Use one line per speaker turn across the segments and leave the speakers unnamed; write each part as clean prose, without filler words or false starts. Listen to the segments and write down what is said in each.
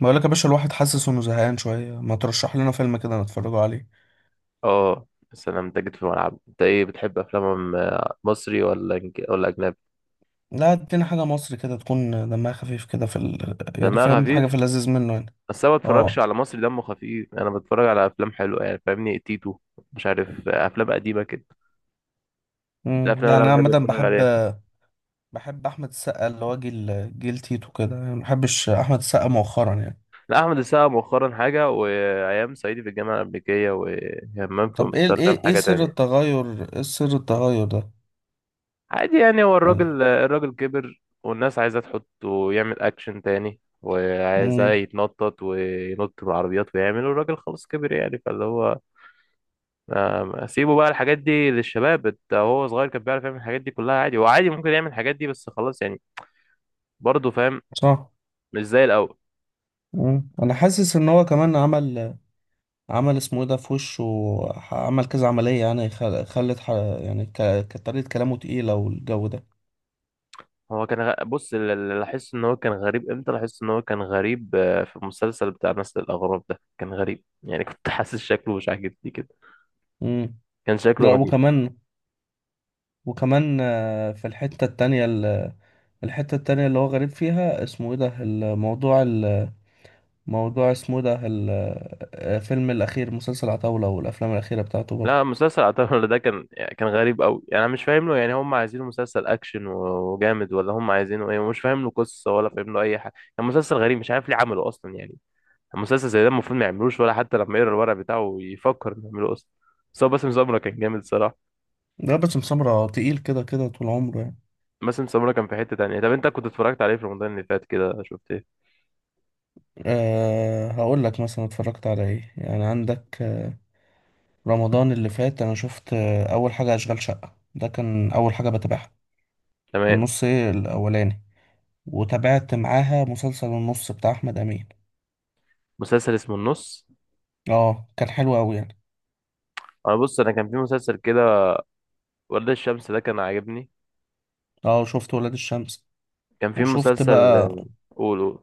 بقولك يا باشا، الواحد حاسس انه زهقان شوية. ما ترشح لنا فيلم كده نتفرجوا عليه؟
اه. السلام ده جيت في الملعب. انت ايه بتحب افلام، مصري ولا اجنبي؟
لا، ادينا حاجة مصري كده تكون دمها خفيف كده يعني
دمها
فاهم، حاجة
خفيف.
في اللذيذ منه يعني.
بس انا ما بتفرجش
اه.
على مصري دمه خفيف يعني، انا بتفرج على افلام حلوه يعني، فاهمني تيتو. مش عارف، افلام قديمه كده. دي الافلام
يعني
اللي انا
انا
بحب
عامة
اتفرج
بحب.
عليها.
احمد السقا اللي هو جيل تيتو كده، يعني ما بحبش احمد السقا مؤخرا يعني.
لا، احمد السقا مؤخرا حاجه، وايام صعيدي في الجامعه الامريكيه، وهمام في
طب ايه
امستردام
ايه
حاجه
سر
تانية.
التغير ايه سر التغير ده؟
عادي يعني، هو
يعني.
الراجل الراجل كبر، والناس عايزة تحطه يعمل أكشن تاني، وعايزاه
امم
يتنطط وينط من العربيات ويعمل، والراجل خلاص كبر يعني، فاللي هو سيبه بقى الحاجات دي للشباب. انت هو صغير كان بيعرف يعمل الحاجات دي كلها، عادي. هو عادي ممكن يعمل الحاجات دي، بس خلاص يعني. برضه فاهم.
صح.
مش زي الأول.
انا حاسس ان هو كمان عمل. اسمه ايه ده في وشه، عمل كذا عملية يعني. خلت. يعني. كانت طريقة كلامه تقيلة والجو ده.
هو كان بص، اللي لاحظت ان هو كان غريب، امتى لاحظت ان هو كان غريب، في المسلسل بتاع نسل الأغراب ده، كان غريب يعني. كنت حاسس شكله مش عاجبني كده.
امم
كان شكله
لا،
غريب.
وكمان في الحتة التانية. الحتة التانية اللي هو غريب فيها، اسمه ايه ده الموضوع اسمه إيه ده؟ الفيلم الأخير مسلسل عتاولة والأفلام الأخيرة بتاعته برضه.
لا، مسلسل عتاولة ده كان يعني كان غريب قوي يعني. انا مش فاهم له يعني، هم عايزينه مسلسل اكشن و- وجامد، ولا هم عايزينه ايه، ومش فاهم له قصه ولا فاهم له اي حاجه. يعني مسلسل غريب، مش عارف ليه عمله اصلا يعني. المسلسل زي ده المفروض ما يعملوش، ولا حتى لما يقرا الورق بتاعه يفكر انه يعمله اصلا. بس هو باسم سمره كان جامد صراحه.
ده بس مسمرة تقيل كده كده طول عمره يعني.
باسم سمره كان في حته تانية. طب انت كنت اتفرجت عليه في رمضان اللي فات كده، شفت ايه؟
أه، هقول لك مثلا اتفرجت على ايه يعني. عندك رمضان اللي فات انا شفت اول حاجه اشغال شقه، ده كان اول حاجه بتابعها. في
تمام.
النص، ايه الاولاني؟ وتابعت معاها مسلسل النص بتاع احمد امين.
مسلسل اسمه النص.
اه كان حلو قوي يعني.
انا بص، انا كان في مسلسل كده. ورد الشمس ده كان عاجبني.
اه، شفت ولاد الشمس،
كان في
وشفت
مسلسل.
بقى.
قول قول.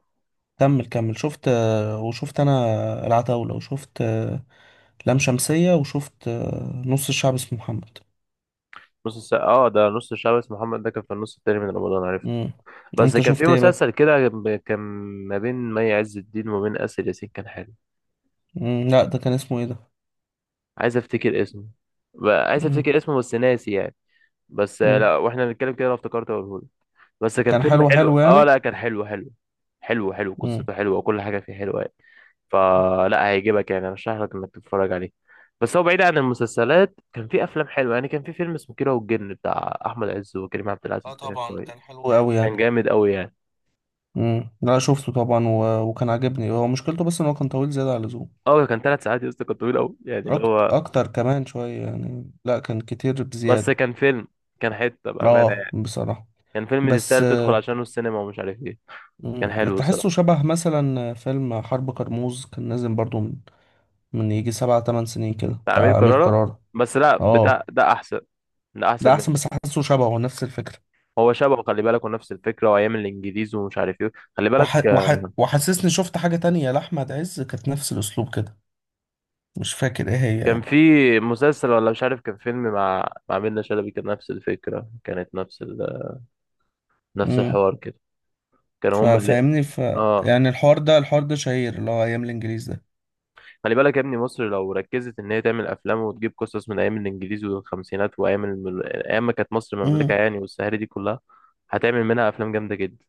كمل كمل. شفت انا العتاوله، وشفت لام شمسيه، وشفت نص الشعب اسمه محمد.
نص الساعة. اه ده نص الشعب اسمه محمد ده كان في النص التاني من رمضان، عرفته.
مم.
بس
انت
كان في
شفت ايه بقى؟
مسلسل كده كان ما بين مي عز الدين وما بين آسر ياسين، كان حلو.
مم. لا، ده كان اسمه ايه ده؟
عايز افتكر اسمه. بقى عايز
مم.
افتكر اسمه بس ناسي يعني. بس
مم.
لا، واحنا بنتكلم كده لو افتكرت اقوله. بس كان
كان
فيلم
حلو
حلو.
حلو
اه
يعني.
لا، كان حلو حلو. حلو حلو،
مم.
قصته حلوه وكل حاجه فيه حلوه يعني. فلا، هيعجبك يعني، ارشح لك انك تتفرج عليه. بس هو بعيد عن المسلسلات، كان في افلام حلوه يعني. كان في فيلم اسمه كيرة والجن بتاع احمد عز وكريم عبد
اه
العزيز، ده كان
طبعا، كان
كويس.
حلو قوي
كان
يعني.
جامد قوي يعني.
لا شفته طبعا وكان عاجبني، هو مشكلته بس ان هو كان طويل زيادة عن اللزوم.
اه، كان 3 ساعات يا اسطى، كان طويل قوي يعني، اللي هو
اكتر كمان شوية يعني، لا كان كتير
بس
بزيادة.
كان فيلم. كان حته بامانه
اه
يعني.
بصراحة.
كان فيلم
بس،
تستاهل تدخل عشانه السينما ومش عارف ايه.
مم،
كان حلو الصراحه.
تحسه شبه مثلا فيلم حرب كرموز كان نازل برضو من يجي 7 8 سنين كده
بتاع امير
بتاع أمير
كرارة.
كرارة.
بس لا، بتاع
اه،
ده احسن. ده احسن
ده أحسن،
منه.
بس حاسه شبهه نفس الفكرة.
هو شبهه، خلي بالك، ونفس الفكره، وايام الانجليز ومش عارف ايه. خلي بالك آه،
وحسسني شفت حاجة تانية لأحمد عز كانت نفس الأسلوب كده، مش فاكر إيه هي
كان
يعني.
في مسلسل، ولا مش عارف كان فيلم، مع منة شلبي، كان نفس الفكره، كانت نفس نفس
مم.
الحوار كده. كانوا هم اللي
ففاهمني ف
اه.
يعني الحوار ده شهير اللي هو ايام الانجليز ده.
خلي بالك يا ابني، مصر لو ركزت ان هي تعمل افلام وتجيب قصص من ايام الانجليز والخمسينات، وايام ايام ما كانت مصر مملكه
امم
يعني، والسهاري دي كلها، هتعمل منها افلام جامده جدا.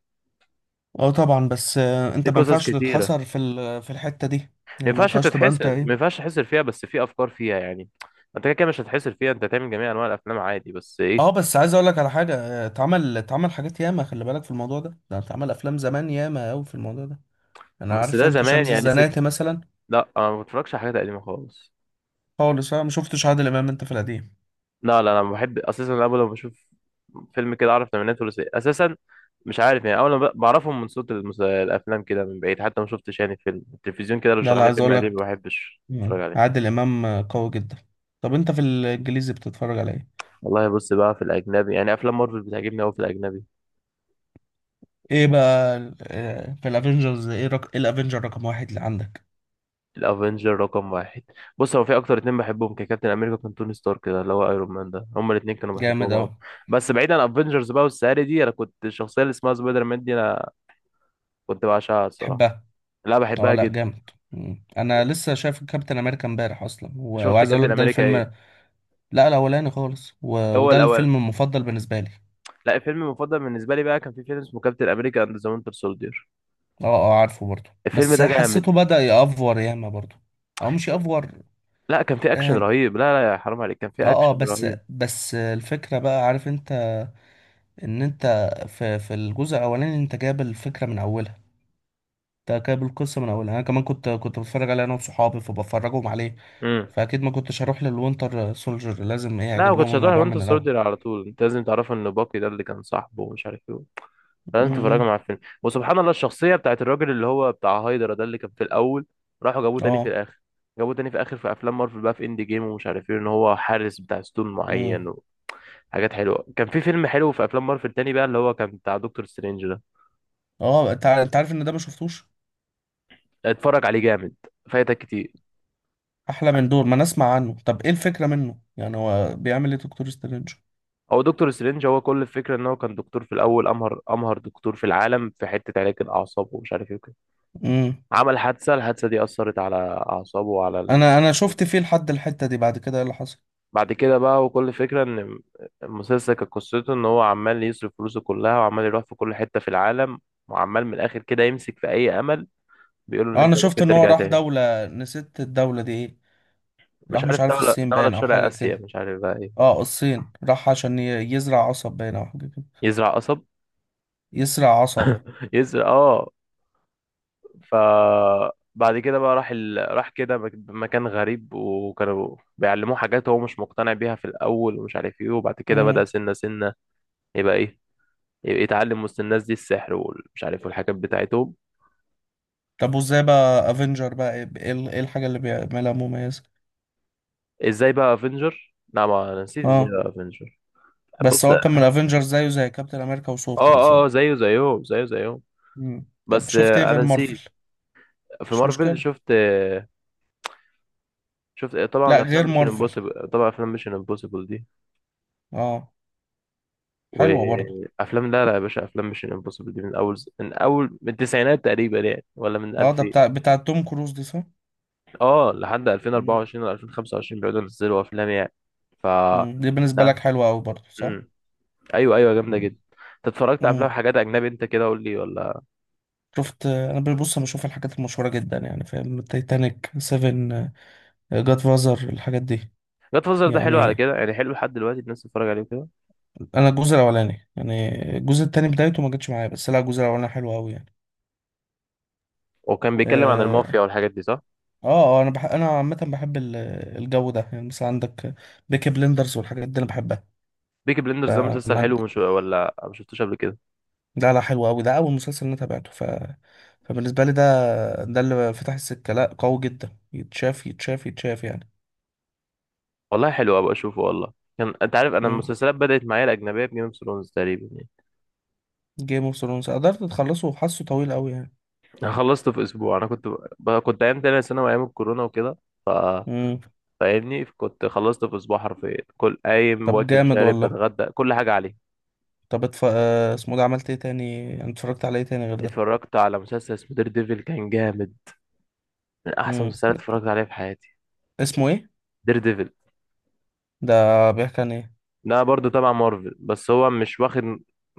اه طبعا، بس
في
انت ما
قصص
ينفعش
كتيره.
تتحصر في في الحتة دي، يعني ما ينفعش تبقى انت
ما
ايه.
ينفعش تحسر فيها، بس في افكار فيها يعني. انت كده كده مش هتحسر فيها، انت هتعمل جميع انواع الافلام عادي، بس ايه.
اه، بس عايز اقول لك على حاجة. اتعمل حاجات ياما، خلي بالك في الموضوع ده اتعمل افلام زمان ياما قوي في الموضوع ده. انا
بس
عارف،
ده
انت
زمان
شمس
يعني ست.
الزناتي مثلا،
لا، انا ما بتفرجش على حاجات قديمه خالص.
خالص انا ما شفتش عادل امام انت في القديم.
لا لا، انا بحب اساسا، انا أول لما بشوف فيلم كده اعرف تمانينات ثلاثيه اساسا. مش عارف يعني، اول ما بعرفهم من صوت الافلام كده من بعيد، حتى ما شفتش يعني. فيلم التلفزيون كده لو
لا
شغال
لا،
لي
عايز
فيلم
اقول
قديم، ما
لك.
بحبش
مم.
اتفرج عليه.
عادل امام قوي جدا. طب انت في الانجليزي بتتفرج على ايه؟
والله بص بقى، في الاجنبي يعني، افلام مارفل بتعجبني قوي في الاجنبي.
ايه بقى في الافنجرز، إيه الافنجر رقم واحد اللي عندك؟
الافنجر رقم واحد. بص هو في اكتر اتنين بحبهم، ككابتن امريكا كان، توني ستارك كده اللي هو ايرون مان، ده هما الاتنين كانوا
جامد
بحبهم
اوي.
قوي. بس بعيدا عن افنجرز بقى والسهري دي، انا كنت الشخصيه اللي اسمها سبايدر مان دي، انا كنت بعشقها الصراحه.
تحبها؟
لا،
اه
بحبها
لا،
جدا.
جامد. مم. انا لسه شايف كابتن امريكا امبارح اصلا
شفت
وعايز اقول
كابتن
لك ده
امريكا ايه؟
الفيلم. لا الاولاني خالص،
هو
وده
الاول.
الفيلم المفضل بالنسبه لي.
لا، الفيلم المفضل بالنسبه لي بقى كان في فيلم اسمه كابتن امريكا اند ذا وينتر سولدير.
اه اه، عارفه برضه،
الفيلم
بس
ده جامد.
حسيته بدأ يأفور ياما برضه، او مش يأفور.
لا، كان في اكشن
اه
رهيب. لا لا يا حرام عليك، كان
اه،
في اكشن
بس
رهيب.
بس الفكره بقى، عارف انت ان انت في الجزء الاولاني انت جايب الفكره من اولها، تكاب القصة من أولها. أنا كمان كنت بتفرج عليه أنا وصحابي فبفرجهم عليه.
امم.
فأكيد ما كنتش هروح للوينتر سولجر، لازم إيه،
لا، ما
أجيب
كنتش
لهم
هتروح
الموضوع
وينتر
من الأول.
سولدير على طول، انت لازم تعرف ان باكي ده اللي كان صاحبه، ومش عارف ايه. لازم تتفرج
امم
مع الفيلم، وسبحان الله الشخصيه بتاعت الراجل اللي هو بتاع هايدرا ده، اللي كان في الاول راحوا جابوه تاني في
اه.
الاخر. جابوه تاني في اخر في افلام مارفل بقى، في اند جيم ومش عارف ايه، ان هو حارس بتاع ستون
امم
معين. وحاجات حلوه. كان في فيلم حلو في افلام مارفل تاني بقى، اللي هو كان بتاع دكتور سترينج.
اه، انت انت عارف ان ده ما شفتوش،
اتفرج عليه جامد. فايتك كتير.
احلى من دور ما نسمع عنه. طب ايه الفكره منه يعني، هو بيعمل ايه دكتور سترينج؟
هو دكتور سترينج، هو كل الفكره ان هو كان دكتور في الاول، امهر امهر دكتور في العالم، في حته علاج الاعصاب ومش عارف ايه وكده.
امم
عمل حادثه، الحادثه دي اثرت على اعصابه وعلى
انا شفت فيه لحد الحته دي، بعد كده ايه اللي حصل؟
بعد كده بقى، وكل الفكره ان المسلسل كانت قصته ان هو عمال يصرف فلوسه كلها، وعمال يروح في كل حته في العالم، وعمال من الاخر كده يمسك في اي امل بيقول له ان
اه،
انت
انا شفت
ممكن
ان هو
ترجع
راح
تاني.
دوله، نسيت الدوله دي ايه، راح
مش
مش
عارف
عارف
دوله،
الصين
دوله
باين
في
او
شرق
حاجه
اسيا،
كده.
مش عارف بقى ايه.
اه الصين، راح عشان يزرع قصب باين او حاجه كده،
يزرع قصب.
يسرق عصب.
يزرع اه. فبعد كده بقى راح راح كده مكان غريب، وكانوا بيعلموه حاجات هو مش مقتنع بيها في الأول ومش عارف ايه. وبعد كده بدأ
امم
سنة سنة يبقى ايه، يبقى يتعلم وسط الناس دي السحر ومش عارف والحاجات بتاعتهم.
طب وازاي بقى افنجر بقى، ايه ايه الحاجة اللي بيعملها مميزة؟
ازاي بقى افنجر؟ لا، ما انا نسيت ازاي
اه،
بقى افنجر.
بس
بص،
هو كان
اه.
من افنجر زيه زي كابتن امريكا وثور كده، صح؟
اه، زيه زيهم زيه زيهم.
طب
بس
شفت ايه غير
انا نسيت.
مارفل؟
في
مش
مارفل
مشكلة.
شفت
لا،
طبعا افلام
غير
ميشن
مارفل.
امبوسيبل. طبعا افلام ميشن امبوسيبل دي،
اه. حلوة برضو.
وافلام، لا لا يا باشا، افلام مش امبوسيبل دي من اول، من التسعينات تقريبا يعني، ولا من
اه ده
2000
بتاع توم كروز دي، صح؟
اه لحد
امم
2024 ولا 2025 بيقعدوا ينزلوا افلام يعني. ف
دي بالنسبة لك
لا،
حلوة قوي برضو، صح؟
امم، ايوه ايوه جامده
امم
جدا. انت اتفرجت على افلام،
امم
حاجات اجنبي، انت كده قول لي ولا؟
شفت انا، ببص بشوف الحاجات المشهورة جدا يعني، فاهم، تايتانيك، سيفن، جاد فازر، الحاجات دي.
جاد فازر ده حلو على
يعني
كده يعني، حلو لحد دلوقتي الناس تتفرج عليه كده.
انا الجزء الاولاني، يعني الجزء التاني بدايته ما جاتش معايا، بس لا الجزء الاولاني حلو قوي يعني.
وكان بيتكلم عن
اه
المافيا والحاجات دي، صح.
اه، انا. انا عامه بحب الجو ده، يعني مثلا عندك بيكي بلندرز والحاجات دي انا بحبها.
بيكي بلندرز ده مسلسل
فما
حلو، مش ولا ما شفتوش قبل كده.
ده، لا حلو قوي، ده اول مسلسل انا تابعته. فبالنسبه لي ده، اللي فتح السكه. لا قوي جدا، يتشاف يتشاف يتشاف يعني.
والله حلو ابقى اشوفه والله. كان انت عارف، انا المسلسلات بدأت معايا الاجنبيه بجيم اوف ثرونز تقريبا.
جيم اوف ثرونز قدرت تخلصه؟ وحاسه طويل قوي يعني.
انا خلصت في اسبوع. انا كنت كنت ايام تانية ثانوي ايام الكورونا وكده. ف
مم.
فاهمني، كنت خلصت في اسبوع حرفيا، كل قايم
طب
واكل
جامد
شارب
والله.
بتغدى كل حاجه عليه.
طب اسمه ده، عملت ايه تاني يعني، اتفرجت على ايه تاني غير ده؟
اتفرجت على مسلسل اسمه دير ديفل، كان جامد. من احسن
مم.
مسلسلات اتفرجت عليها في حياتي.
اسمه ايه
دير ديفل.
ده؟ بيحكي عن ايه؟
ده برضه تبع مارفل، بس هو مش واخد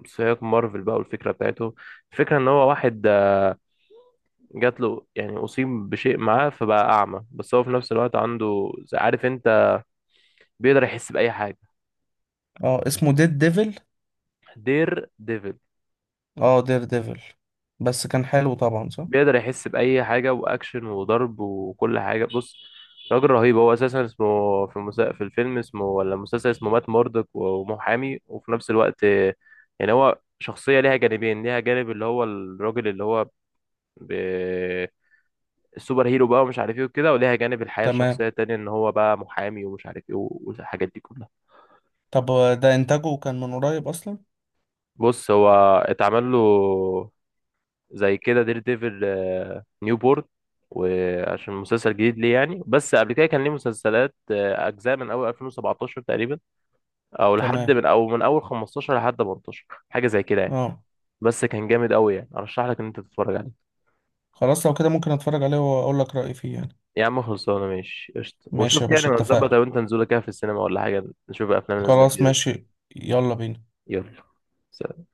سياق مارفل بقى، والفكره بتاعته الفكره ان هو واحد جات له يعني، اصيب بشيء معاه فبقى اعمى، بس هو في نفس الوقت عنده، عارف انت، بيقدر يحس باي حاجه.
اه اسمه ديد ديفل.
دير ديفل.
اه دير ديفل، بس كان حلو طبعا، صح؟
بيقدر يحس بأي حاجة، وأكشن وضرب وكل حاجة. بص، راجل رهيب. هو أساسا اسمه في في الفيلم اسمه، ولا المسلسل اسمه، مات موردك، ومحامي وفي نفس الوقت يعني، هو شخصية ليها جانبين. ليها جانب اللي هو الراجل اللي هو ب... السوبر هيرو بقى ومش عارف ايه وكده، وليها جانب الحياة
تمام.
الشخصية التانية ان هو بقى محامي ومش عارف ايه والحاجات دي كلها.
طب ده انتاجه كان من قريب اصلا؟
بص، هو اتعمل له زي كده دير ديفل نيو بورن، وعشان مسلسل جديد ليه يعني، بس قبل كده كان ليه مسلسلات، اجزاء من اول 2017 تقريبا،
تمام.
او من اول 15 لحد 18 حاجه زي كده يعني.
اه.
بس كان جامد قوي يعني، ارشح لك ان انت تتفرج عليه.
خلاص لو كده ممكن اتفرج عليه واقول لك رأيي فيه يعني.
يا عم خلصانه، ماشي قشطه،
ماشي يا
وشوف يعني
باشا،
ما نظبط
اتفقنا.
لو انت نزوله كده في السينما ولا حاجه. نشوف افلام الناس ده
خلاص
جديده دي.
ماشي. يلا بينا.
يلا. سلام.